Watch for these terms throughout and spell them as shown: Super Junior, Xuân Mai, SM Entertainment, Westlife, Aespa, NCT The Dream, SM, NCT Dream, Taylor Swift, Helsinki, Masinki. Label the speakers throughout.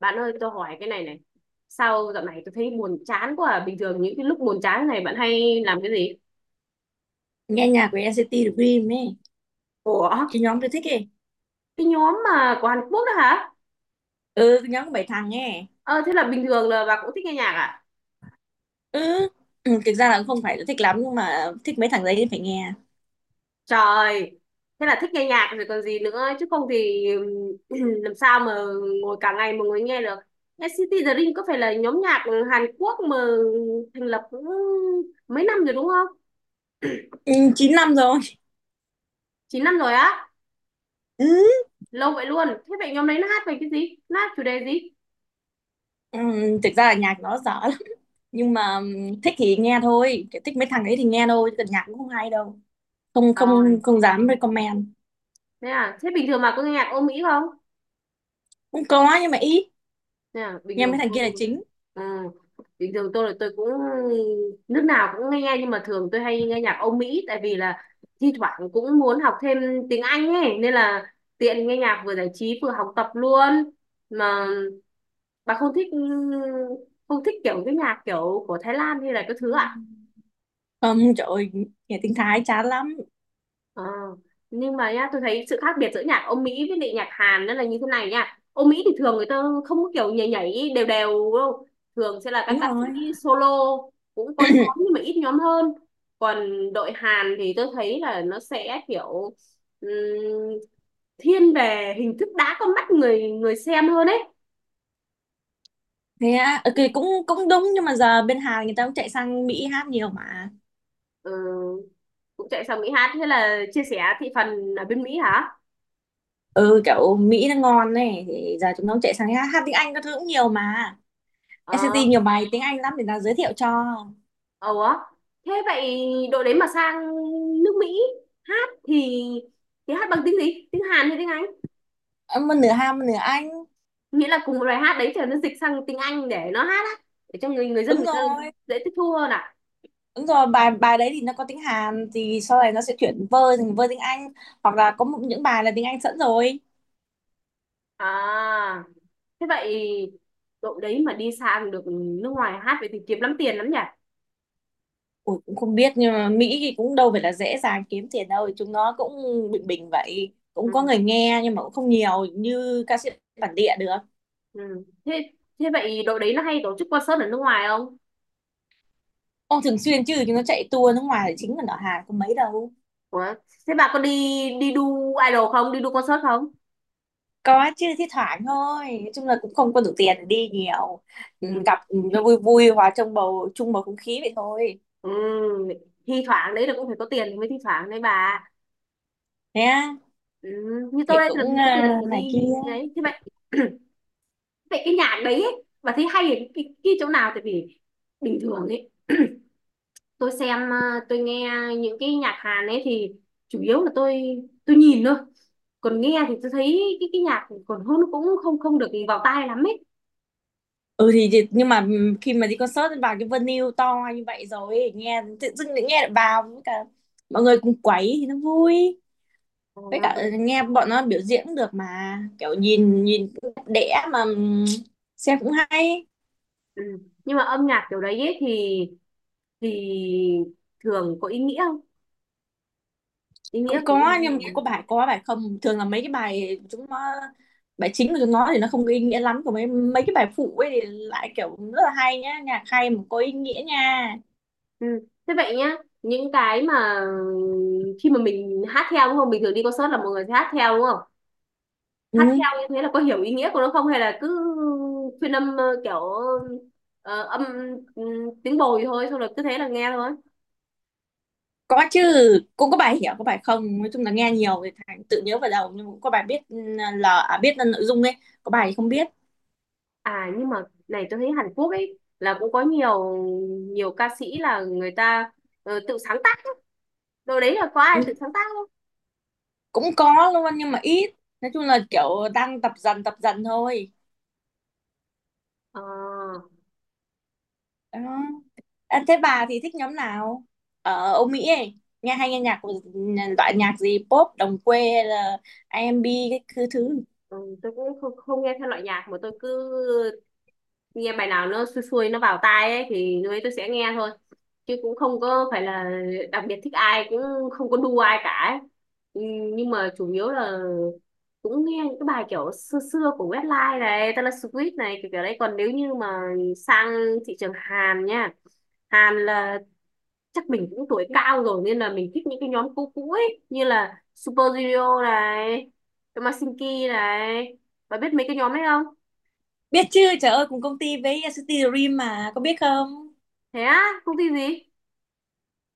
Speaker 1: Bạn ơi, tôi hỏi cái này này. Sao dạo này tôi thấy buồn chán quá à? Bình thường những cái lúc buồn chán này bạn hay làm cái gì?
Speaker 2: Nghe nhạc của NCT Dream ấy.
Speaker 1: Ủa,
Speaker 2: Cái nhóm tôi thích ấy.
Speaker 1: cái nhóm mà của Hàn Quốc đó hả?
Speaker 2: Ừ, cái nhóm của bảy thằng ấy.
Speaker 1: Ờ, thế là bình thường là bà cũng thích nghe nhạc à?
Speaker 2: Ừ. Ừ, thực ra là cũng không phải là thích lắm nhưng mà thích mấy thằng đấy thì phải nghe.
Speaker 1: Trời, thế là thích nghe nhạc rồi còn gì nữa. Chứ không thì làm sao mà ngồi cả ngày mà ngồi nghe được. NCT The Dream có phải là nhóm nhạc Hàn Quốc mà thành lập cũng mấy năm rồi đúng không?
Speaker 2: Ừ, 9 năm rồi.
Speaker 1: Chín năm rồi á?
Speaker 2: Ừ.
Speaker 1: Lâu vậy luôn. Thế vậy nhóm đấy nó hát về cái gì? Nó hát chủ đề gì?
Speaker 2: Ừ, thực ra là nhạc nó dở lắm nhưng mà thích thì nghe thôi. Kiểu thích mấy thằng đấy thì nghe thôi chứ còn nhạc cũng không hay đâu. Không,
Speaker 1: Trời.
Speaker 2: không, không dám recommend.
Speaker 1: Thế à, thế bình thường mà có nghe nhạc Âu Mỹ không?
Speaker 2: Cũng có nhưng mà ít.
Speaker 1: Thế à,
Speaker 2: Nghe mấy thằng kia là chính.
Speaker 1: à, bình thường tôi là tôi cũng nước nào cũng nghe nhưng mà thường tôi hay nghe nhạc Âu Mỹ tại vì là thi thoảng cũng muốn học thêm tiếng Anh ấy nên là tiện nghe nhạc vừa giải trí vừa học tập luôn. Mà bà không thích không thích kiểu cái nhạc kiểu của Thái Lan hay là cái thứ ạ?
Speaker 2: Không, trời ơi, nghe tiếng Thái chán lắm.
Speaker 1: Ờ, nhưng mà nhá tôi thấy sự khác biệt giữa nhạc Âu Mỹ với lại nhạc Hàn nó là như thế này nha. Âu Mỹ thì thường người ta không có kiểu nhảy nhảy đều đều đâu, thường sẽ là các
Speaker 2: Đúng
Speaker 1: ca
Speaker 2: rồi.
Speaker 1: sĩ solo, cũng có nhóm nhưng mà ít nhóm hơn. Còn đội Hàn thì tôi thấy là nó sẽ kiểu ừm, thiên về hình thức đã con mắt người người xem hơn ấy.
Speaker 2: Thế á, ok, cũng cũng đúng nhưng mà giờ bên Hàn người ta cũng chạy sang Mỹ hát nhiều mà.
Speaker 1: Ừ, cũng chạy sang Mỹ hát, thế là chia sẻ thị phần ở bên Mỹ hả?
Speaker 2: Ừ, kiểu Mỹ nó ngon này thì giờ chúng nó chạy sang hát tiếng Anh các thứ cũng nhiều mà. NCT
Speaker 1: Ờ.
Speaker 2: nhiều bài tiếng Anh lắm, để tao giới thiệu cho.
Speaker 1: Ủa, thế vậy đội đấy mà sang nước Mỹ hát thì hát bằng tiếng gì? Tiếng Hàn hay tiếng Anh?
Speaker 2: Em một nửa Hàn một nửa Anh.
Speaker 1: Nghĩa là cùng một bài hát đấy thì nó dịch sang tiếng Anh để nó hát á, để cho người người dân
Speaker 2: Đúng
Speaker 1: người ta
Speaker 2: rồi.
Speaker 1: dễ tiếp thu hơn ạ.
Speaker 2: Đúng rồi, bài bài đấy thì nó có tiếng Hàn thì sau này nó sẽ chuyển vơ thành vơ tiếng Anh. Hoặc là có những bài là tiếng Anh sẵn rồi.
Speaker 1: À, thế vậy đội đấy mà đi sang được nước ngoài hát vậy thì kiếm lắm tiền lắm nhỉ?
Speaker 2: Ủa, cũng không biết nhưng mà Mỹ thì cũng đâu phải là dễ dàng kiếm tiền đâu, chúng nó cũng bình bình vậy, cũng có
Speaker 1: Ừ.
Speaker 2: người nghe nhưng mà cũng không nhiều như ca sĩ bản địa được.
Speaker 1: Ừ. Thế thế vậy đội đấy nó hay tổ chức concert ở nước ngoài không?
Speaker 2: Ô, thường xuyên chứ, chúng nó chạy tour nước ngoài thì chính là ở Hàn có mấy đâu.
Speaker 1: Ủa, thế bà có đi đi đu idol không? Đi đu concert không?
Speaker 2: Có chứ, thi thoảng thôi, nói chung là cũng không có đủ tiền để đi nhiều. Ừ,
Speaker 1: Ừ.
Speaker 2: gặp, nó vui vui hòa trong bầu không khí vậy thôi.
Speaker 1: Ừ, thi thoảng đấy là cũng phải có tiền thì mới thi thoảng đấy bà.
Speaker 2: Nhé.
Speaker 1: ừ, Như tôi
Speaker 2: Thì
Speaker 1: đây thì làm
Speaker 2: cũng
Speaker 1: gì có tiền
Speaker 2: à,
Speaker 1: mà
Speaker 2: này kia.
Speaker 1: đi. Đấy thế vậy vậy cái nhạc đấy ấy, bà thấy hay ở cái chỗ nào tại vì bình thường ấy tôi xem tôi nghe những cái nhạc Hàn ấy thì chủ yếu là tôi nhìn thôi, còn nghe thì tôi thấy cái nhạc còn hơn cũng không không được vào tai lắm ấy.
Speaker 2: Ừ, nhưng mà khi mà đi concert vào cái venue to như vậy rồi ấy, nghe tự dưng lại nghe được vào, với cả mọi người cùng quấy thì nó vui. Với
Speaker 1: À,
Speaker 2: cả nghe bọn nó biểu diễn cũng được mà, kiểu nhìn nhìn cũng đẹp đẽ mà, xem cũng hay.
Speaker 1: ừ. Nhưng mà âm nhạc kiểu đấy ấy thì thường có ý nghĩa không, ý nghĩa
Speaker 2: Cũng
Speaker 1: của
Speaker 2: có
Speaker 1: nó là
Speaker 2: nhưng mà cũng
Speaker 1: gì?
Speaker 2: có bài không, thường là mấy cái bài chúng nó, bài chính của chúng nó thì nó không có ý nghĩa lắm, còn mấy mấy cái bài phụ ấy thì lại kiểu rất là hay nhá, nhạc hay mà có ý nghĩa nha.
Speaker 1: Ừ. Thế vậy nhá, những cái mà khi mà mình hát theo đúng không? Bình thường đi concert là mọi người sẽ hát theo đúng không? Hát
Speaker 2: Ừ.
Speaker 1: theo như thế là có hiểu ý nghĩa của nó không hay là cứ phiên âm kiểu ờ, âm ừ, tiếng bồi thôi xong rồi cứ thế là nghe thôi.
Speaker 2: Có chứ, cũng có bài hiểu có bài không, nói chung là nghe nhiều thì thành tự nhớ vào đầu, nhưng mà cũng có bài biết biết là nội dung ấy. Có bài thì không biết.
Speaker 1: À nhưng mà này tôi thấy Hàn Quốc ấy là cũng có nhiều nhiều ca sĩ là người ta tự sáng tác ấy. Đồ đấy là có ai tự
Speaker 2: Ừ.
Speaker 1: sáng tác không?
Speaker 2: Cũng có luôn nhưng mà ít, nói chung là kiểu đang tập dần thôi.
Speaker 1: Ờ,
Speaker 2: Đó. À, thế bà thì thích nhóm nào ở Âu Mỹ ấy, nghe hay nghe nhạc loại nhạc gì, pop đồng quê hay là A R&B, cái thứ thứ
Speaker 1: ừ, tôi cũng không nghe theo loại nhạc mà tôi cứ nghe bài nào nó xuôi xuôi nó vào tai ấy thì lúc ấy tôi sẽ nghe thôi, chứ cũng không có phải là đặc biệt thích ai, cũng không có đu ai cả ấy. Ừ, nhưng mà chủ yếu là cũng nghe những cái bài kiểu xưa xưa của Westlife này, Taylor Swift này kiểu kiểu đấy. Còn nếu như mà sang thị trường Hàn nha, Hàn là chắc mình cũng tuổi cao rồi nên là mình thích những cái nhóm cũ cũ ấy như là Super Junior này, Masinki này, bà biết mấy cái nhóm ấy không?
Speaker 2: Biết chứ, trời ơi, cùng công ty với City Dream mà, có biết không.
Speaker 1: Thế á, công ty gì?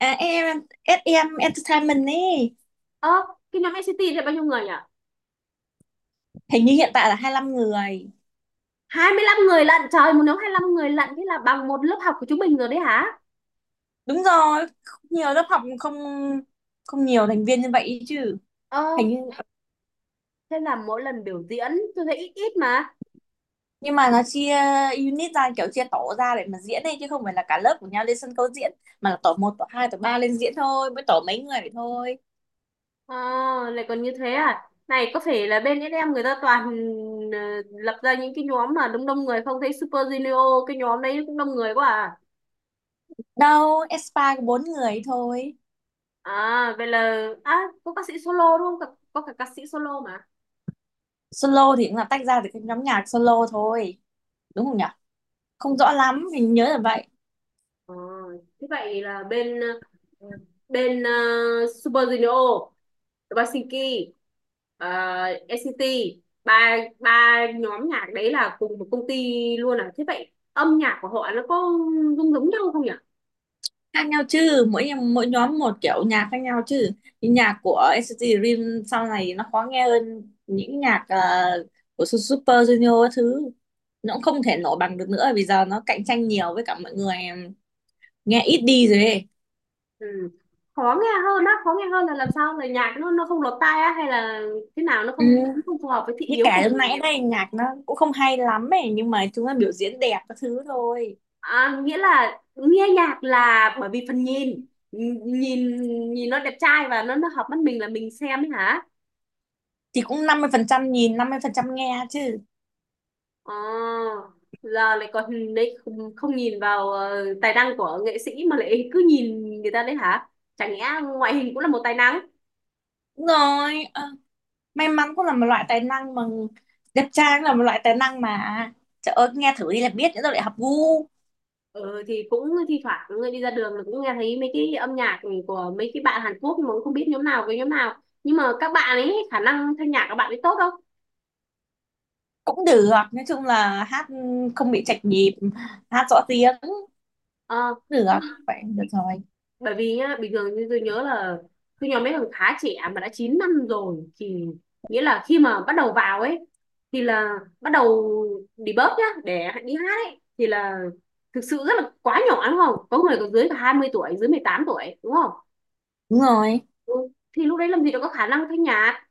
Speaker 2: À, em SM Entertainment ấy.
Speaker 1: Ơ, cái nhóm NCT là bao nhiêu người nhỉ?
Speaker 2: Hình như hiện tại là 25 người.
Speaker 1: 25 người lận, trời, một nhóm 25 người lận, thế là bằng một lớp học của chúng mình rồi đấy hả?
Speaker 2: Đúng rồi. Nhiều lớp học không, không nhiều thành viên như vậy ý chứ.
Speaker 1: Ơ,
Speaker 2: Hình như,
Speaker 1: thế là mỗi lần biểu diễn tôi thấy ít ít mà.
Speaker 2: nhưng mà nó chia unit ra, kiểu chia tổ ra để mà diễn ấy chứ không phải là cả lớp của nhau lên sân khấu diễn, mà là tổ một, tổ hai, tổ 3 lên diễn thôi, mới tổ mấy người vậy thôi.
Speaker 1: Ờ, lại còn như thế à? Này, có phải là bên SM người ta toàn ờ, lập ra những cái nhóm mà đông đông người không? Thấy Super Junior, cái nhóm đấy cũng đông người quá à?
Speaker 2: Đâu, Aespa có bốn người thôi.
Speaker 1: À, vậy là... À, có ca sĩ solo đúng không? Có cả ca sĩ solo mà.
Speaker 2: Solo thì cũng là tách ra từ cái nhóm nhạc solo thôi, đúng không nhỉ. Không rõ lắm, mình nhớ là vậy.
Speaker 1: Ờ, thế vậy là ờ, bên ờ, Super Junior, Helsinki, ờ, NCT ba ba nhóm nhạc đấy là cùng một công ty luôn à? Thế vậy âm nhạc của họ nó có giống giống nhau không nhỉ?
Speaker 2: Khác nhau chứ, mỗi nhóm một kiểu nhạc khác nhau chứ. Những nhạc của NCT Dream sau này nó khó nghe hơn những nhạc của Super Junior các thứ, nó cũng không thể nổi bằng được nữa vì giờ nó cạnh tranh nhiều, với cả mọi người nghe ít đi rồi ấy.
Speaker 1: Ừ. Khó nghe hơn á, khó nghe hơn là làm sao, là nhạc nó không lọt tai á hay là thế nào, nó không
Speaker 2: Ừ.
Speaker 1: không phù hợp với thị
Speaker 2: Như
Speaker 1: hiếu của
Speaker 2: cả lúc
Speaker 1: mình?
Speaker 2: nãy đây, nhạc nó cũng không hay lắm ấy nhưng mà chúng nó biểu diễn đẹp các thứ thôi.
Speaker 1: À, nghĩa là nghe nhạc là bởi vì phần nhìn, nhìn nhìn nó đẹp trai và nó hợp mắt mình là mình xem ấy hả?
Speaker 2: Thì cũng 50% nhìn, 50% nghe chứ.
Speaker 1: Ờ, giờ lại còn đấy không, không nhìn vào tài năng của nghệ sĩ mà lại cứ nhìn người ta đấy hả? Chẳng nhẽ ngoại hình cũng là một tài năng?
Speaker 2: Đúng rồi. Ờ. May mắn cũng là một loại tài năng mà, đẹp trai là một loại tài năng mà, à, trời ơi, nghe thử đi là biết, nữa rồi lại học gu.
Speaker 1: Ừ, thì cũng thi thoảng người đi ra đường là cũng nghe thấy mấy cái âm nhạc của mấy cái bạn Hàn Quốc mà cũng không biết nhóm nào với nhóm nào, nhưng mà các bạn ấy khả năng thanh nhạc các bạn ấy tốt đâu.
Speaker 2: Cũng được, nói chung là hát không bị chạch nhịp, hát rõ tiếng cũng
Speaker 1: Ờ,
Speaker 2: được, vậy được rồi.
Speaker 1: bởi vì nhá bình thường như tôi nhớ là tôi nhóm mấy thằng khá trẻ mà đã 9 năm rồi thì nghĩa là khi mà bắt đầu vào ấy thì là bắt đầu debug nhá để đi hát ấy thì là thực sự rất là quá nhỏ đúng không, có người còn dưới cả 20 tuổi, dưới 18 tuổi đúng không?
Speaker 2: Đúng rồi.
Speaker 1: Ừ. Thì lúc đấy làm gì đâu có khả năng thanh nhạc.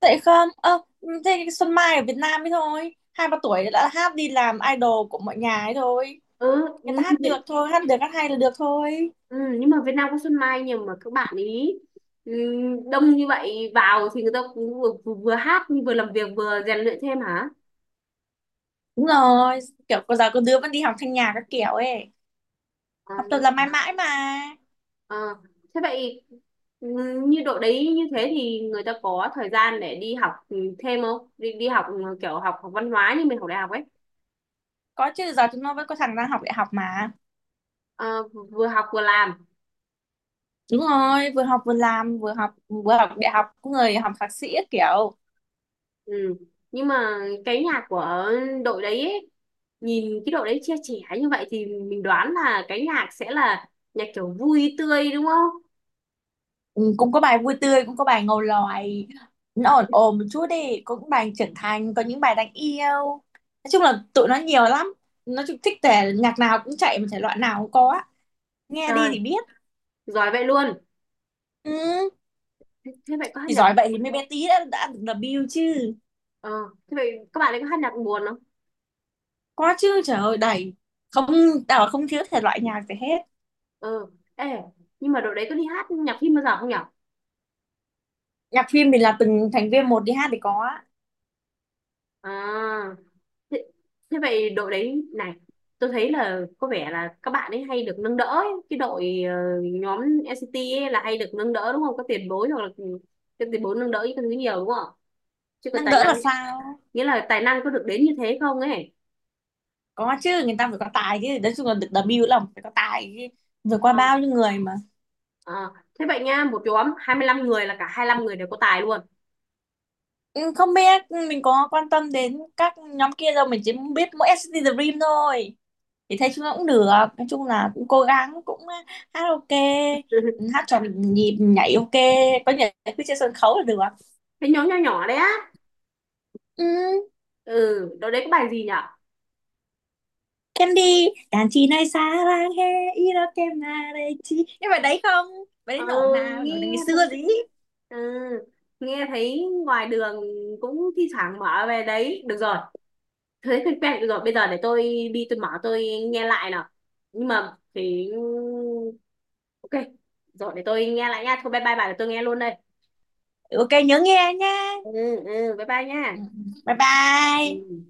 Speaker 2: Tại không, ơ, ừ, thế Xuân Mai ở Việt Nam ấy thôi, hai ba tuổi đã hát đi làm idol của mọi nhà ấy thôi,
Speaker 1: ừ,
Speaker 2: người
Speaker 1: ừ,
Speaker 2: ta hát được
Speaker 1: Việt-
Speaker 2: thôi, hát được, hát hay là được thôi.
Speaker 1: ừ, nhưng mà Việt Nam có Xuân Mai nhưng mà các bạn ý ừ, đông như vậy vào thì người ta cũng vừa hát vừa làm việc vừa rèn luyện thêm hả?
Speaker 2: Đúng rồi, kiểu bây giờ có đứa vẫn đi học thanh nhạc các kiểu ấy, học tập
Speaker 1: À.
Speaker 2: là mãi mãi mà.
Speaker 1: Ờ, thế vậy ừ, như độ đấy như thế thì người ta có thời gian để đi học thêm không? Đi Đi học kiểu học học văn hóa như mình học đại học ấy.
Speaker 2: Có chứ, giờ chúng nó vẫn có thằng đang học đại học mà.
Speaker 1: Ờ, vừa học vừa làm.
Speaker 2: Đúng rồi, vừa học vừa làm, vừa học đại học, cũng người học thạc sĩ á kiểu.
Speaker 1: Ừ. Nhưng mà cái nhà của đội đấy ấy, nhìn cái đội đấy chia trẻ như vậy thì mình đoán là cái nhạc sẽ là nhạc kiểu vui tươi đúng không?
Speaker 2: Ừ, cũng có bài vui tươi, cũng có bài ngầu lòi. Nó ổn ổn một chút đi, cũng bài trưởng thành, có những bài đáng yêu. Nói chung là tụi nó nhiều lắm. Nó chung thích thể nhạc nào cũng chạy mà thể loại nào cũng có á. Nghe đi
Speaker 1: Trời,
Speaker 2: thì biết.
Speaker 1: giỏi vậy luôn.
Speaker 2: Ừ,
Speaker 1: Thế vậy có hát
Speaker 2: thì
Speaker 1: nhạc
Speaker 2: giỏi vậy thì
Speaker 1: buồn
Speaker 2: mấy
Speaker 1: không?
Speaker 2: bé tí đã được debut chứ.
Speaker 1: Ờ, thế vậy các bạn ấy có hát nhạc buồn không?
Speaker 2: Có chứ, trời ơi đầy. Không, tao là không thiếu thể loại nhạc gì hết.
Speaker 1: Ờ, ê, nhưng mà đội đấy có đi hát nhạc phim bao giờ không nhở?
Speaker 2: Nhạc phim thì là từng thành viên một đi hát thì có á.
Speaker 1: À. Thế Thế vậy đội đấy này, tôi thấy là có vẻ là các bạn ấy hay được nâng đỡ ấy. Cái đội nhóm NCT ấy là hay được nâng đỡ đúng không, có tiền bối hoặc là cái tiền bối nâng đỡ cái thứ nhiều đúng không, chứ còn
Speaker 2: Năng
Speaker 1: tài
Speaker 2: đỡ
Speaker 1: năng
Speaker 2: là sao?
Speaker 1: nghĩa là tài năng có được đến như thế không ấy?
Speaker 2: Có chứ, người ta phải có tài chứ, nói chung là được W là phải có tài chứ, rồi qua
Speaker 1: Ờ,
Speaker 2: bao nhiêu người mà.
Speaker 1: ờ. Thế vậy nha một nhóm 25 người là cả 25 người đều có tài luôn?
Speaker 2: Ừ, không biết, mình có quan tâm đến các nhóm kia đâu, mình chỉ biết mỗi SCT The Dream thôi. Thì thấy chúng nó cũng được, nói chung là cũng cố gắng cũng, à, hát ok, hát tròn, nhịp nhảy ok, có nhảy cứ trên sân khấu là được.
Speaker 1: Cái nhóm nhỏ nhỏ đấy á.
Speaker 2: Ừ,
Speaker 1: Ừ đội đấy có bài gì nhở?
Speaker 2: Candy đàn chị này, xa làng he, iroke mà đây chi, nhưng mà đấy không, bài đấy
Speaker 1: Ờ,
Speaker 2: nổi mà
Speaker 1: nghe
Speaker 2: nổi từ ngày xưa
Speaker 1: cũng
Speaker 2: gì.
Speaker 1: ừ, nghe thấy ngoài đường cũng thi thoảng mở về đấy được rồi, thế thì quen rồi. Bây giờ để tôi đi, tôi mở tôi nghe lại nào. Nhưng mà thì Ok rồi để tôi nghe lại nha. Thôi bye bye bà, để tôi nghe luôn đây.
Speaker 2: Ok, nhớ nghe nha.
Speaker 1: Ừ. Ừ bye bye nha.
Speaker 2: Ừ, ừ. Bye bye.
Speaker 1: Ừ.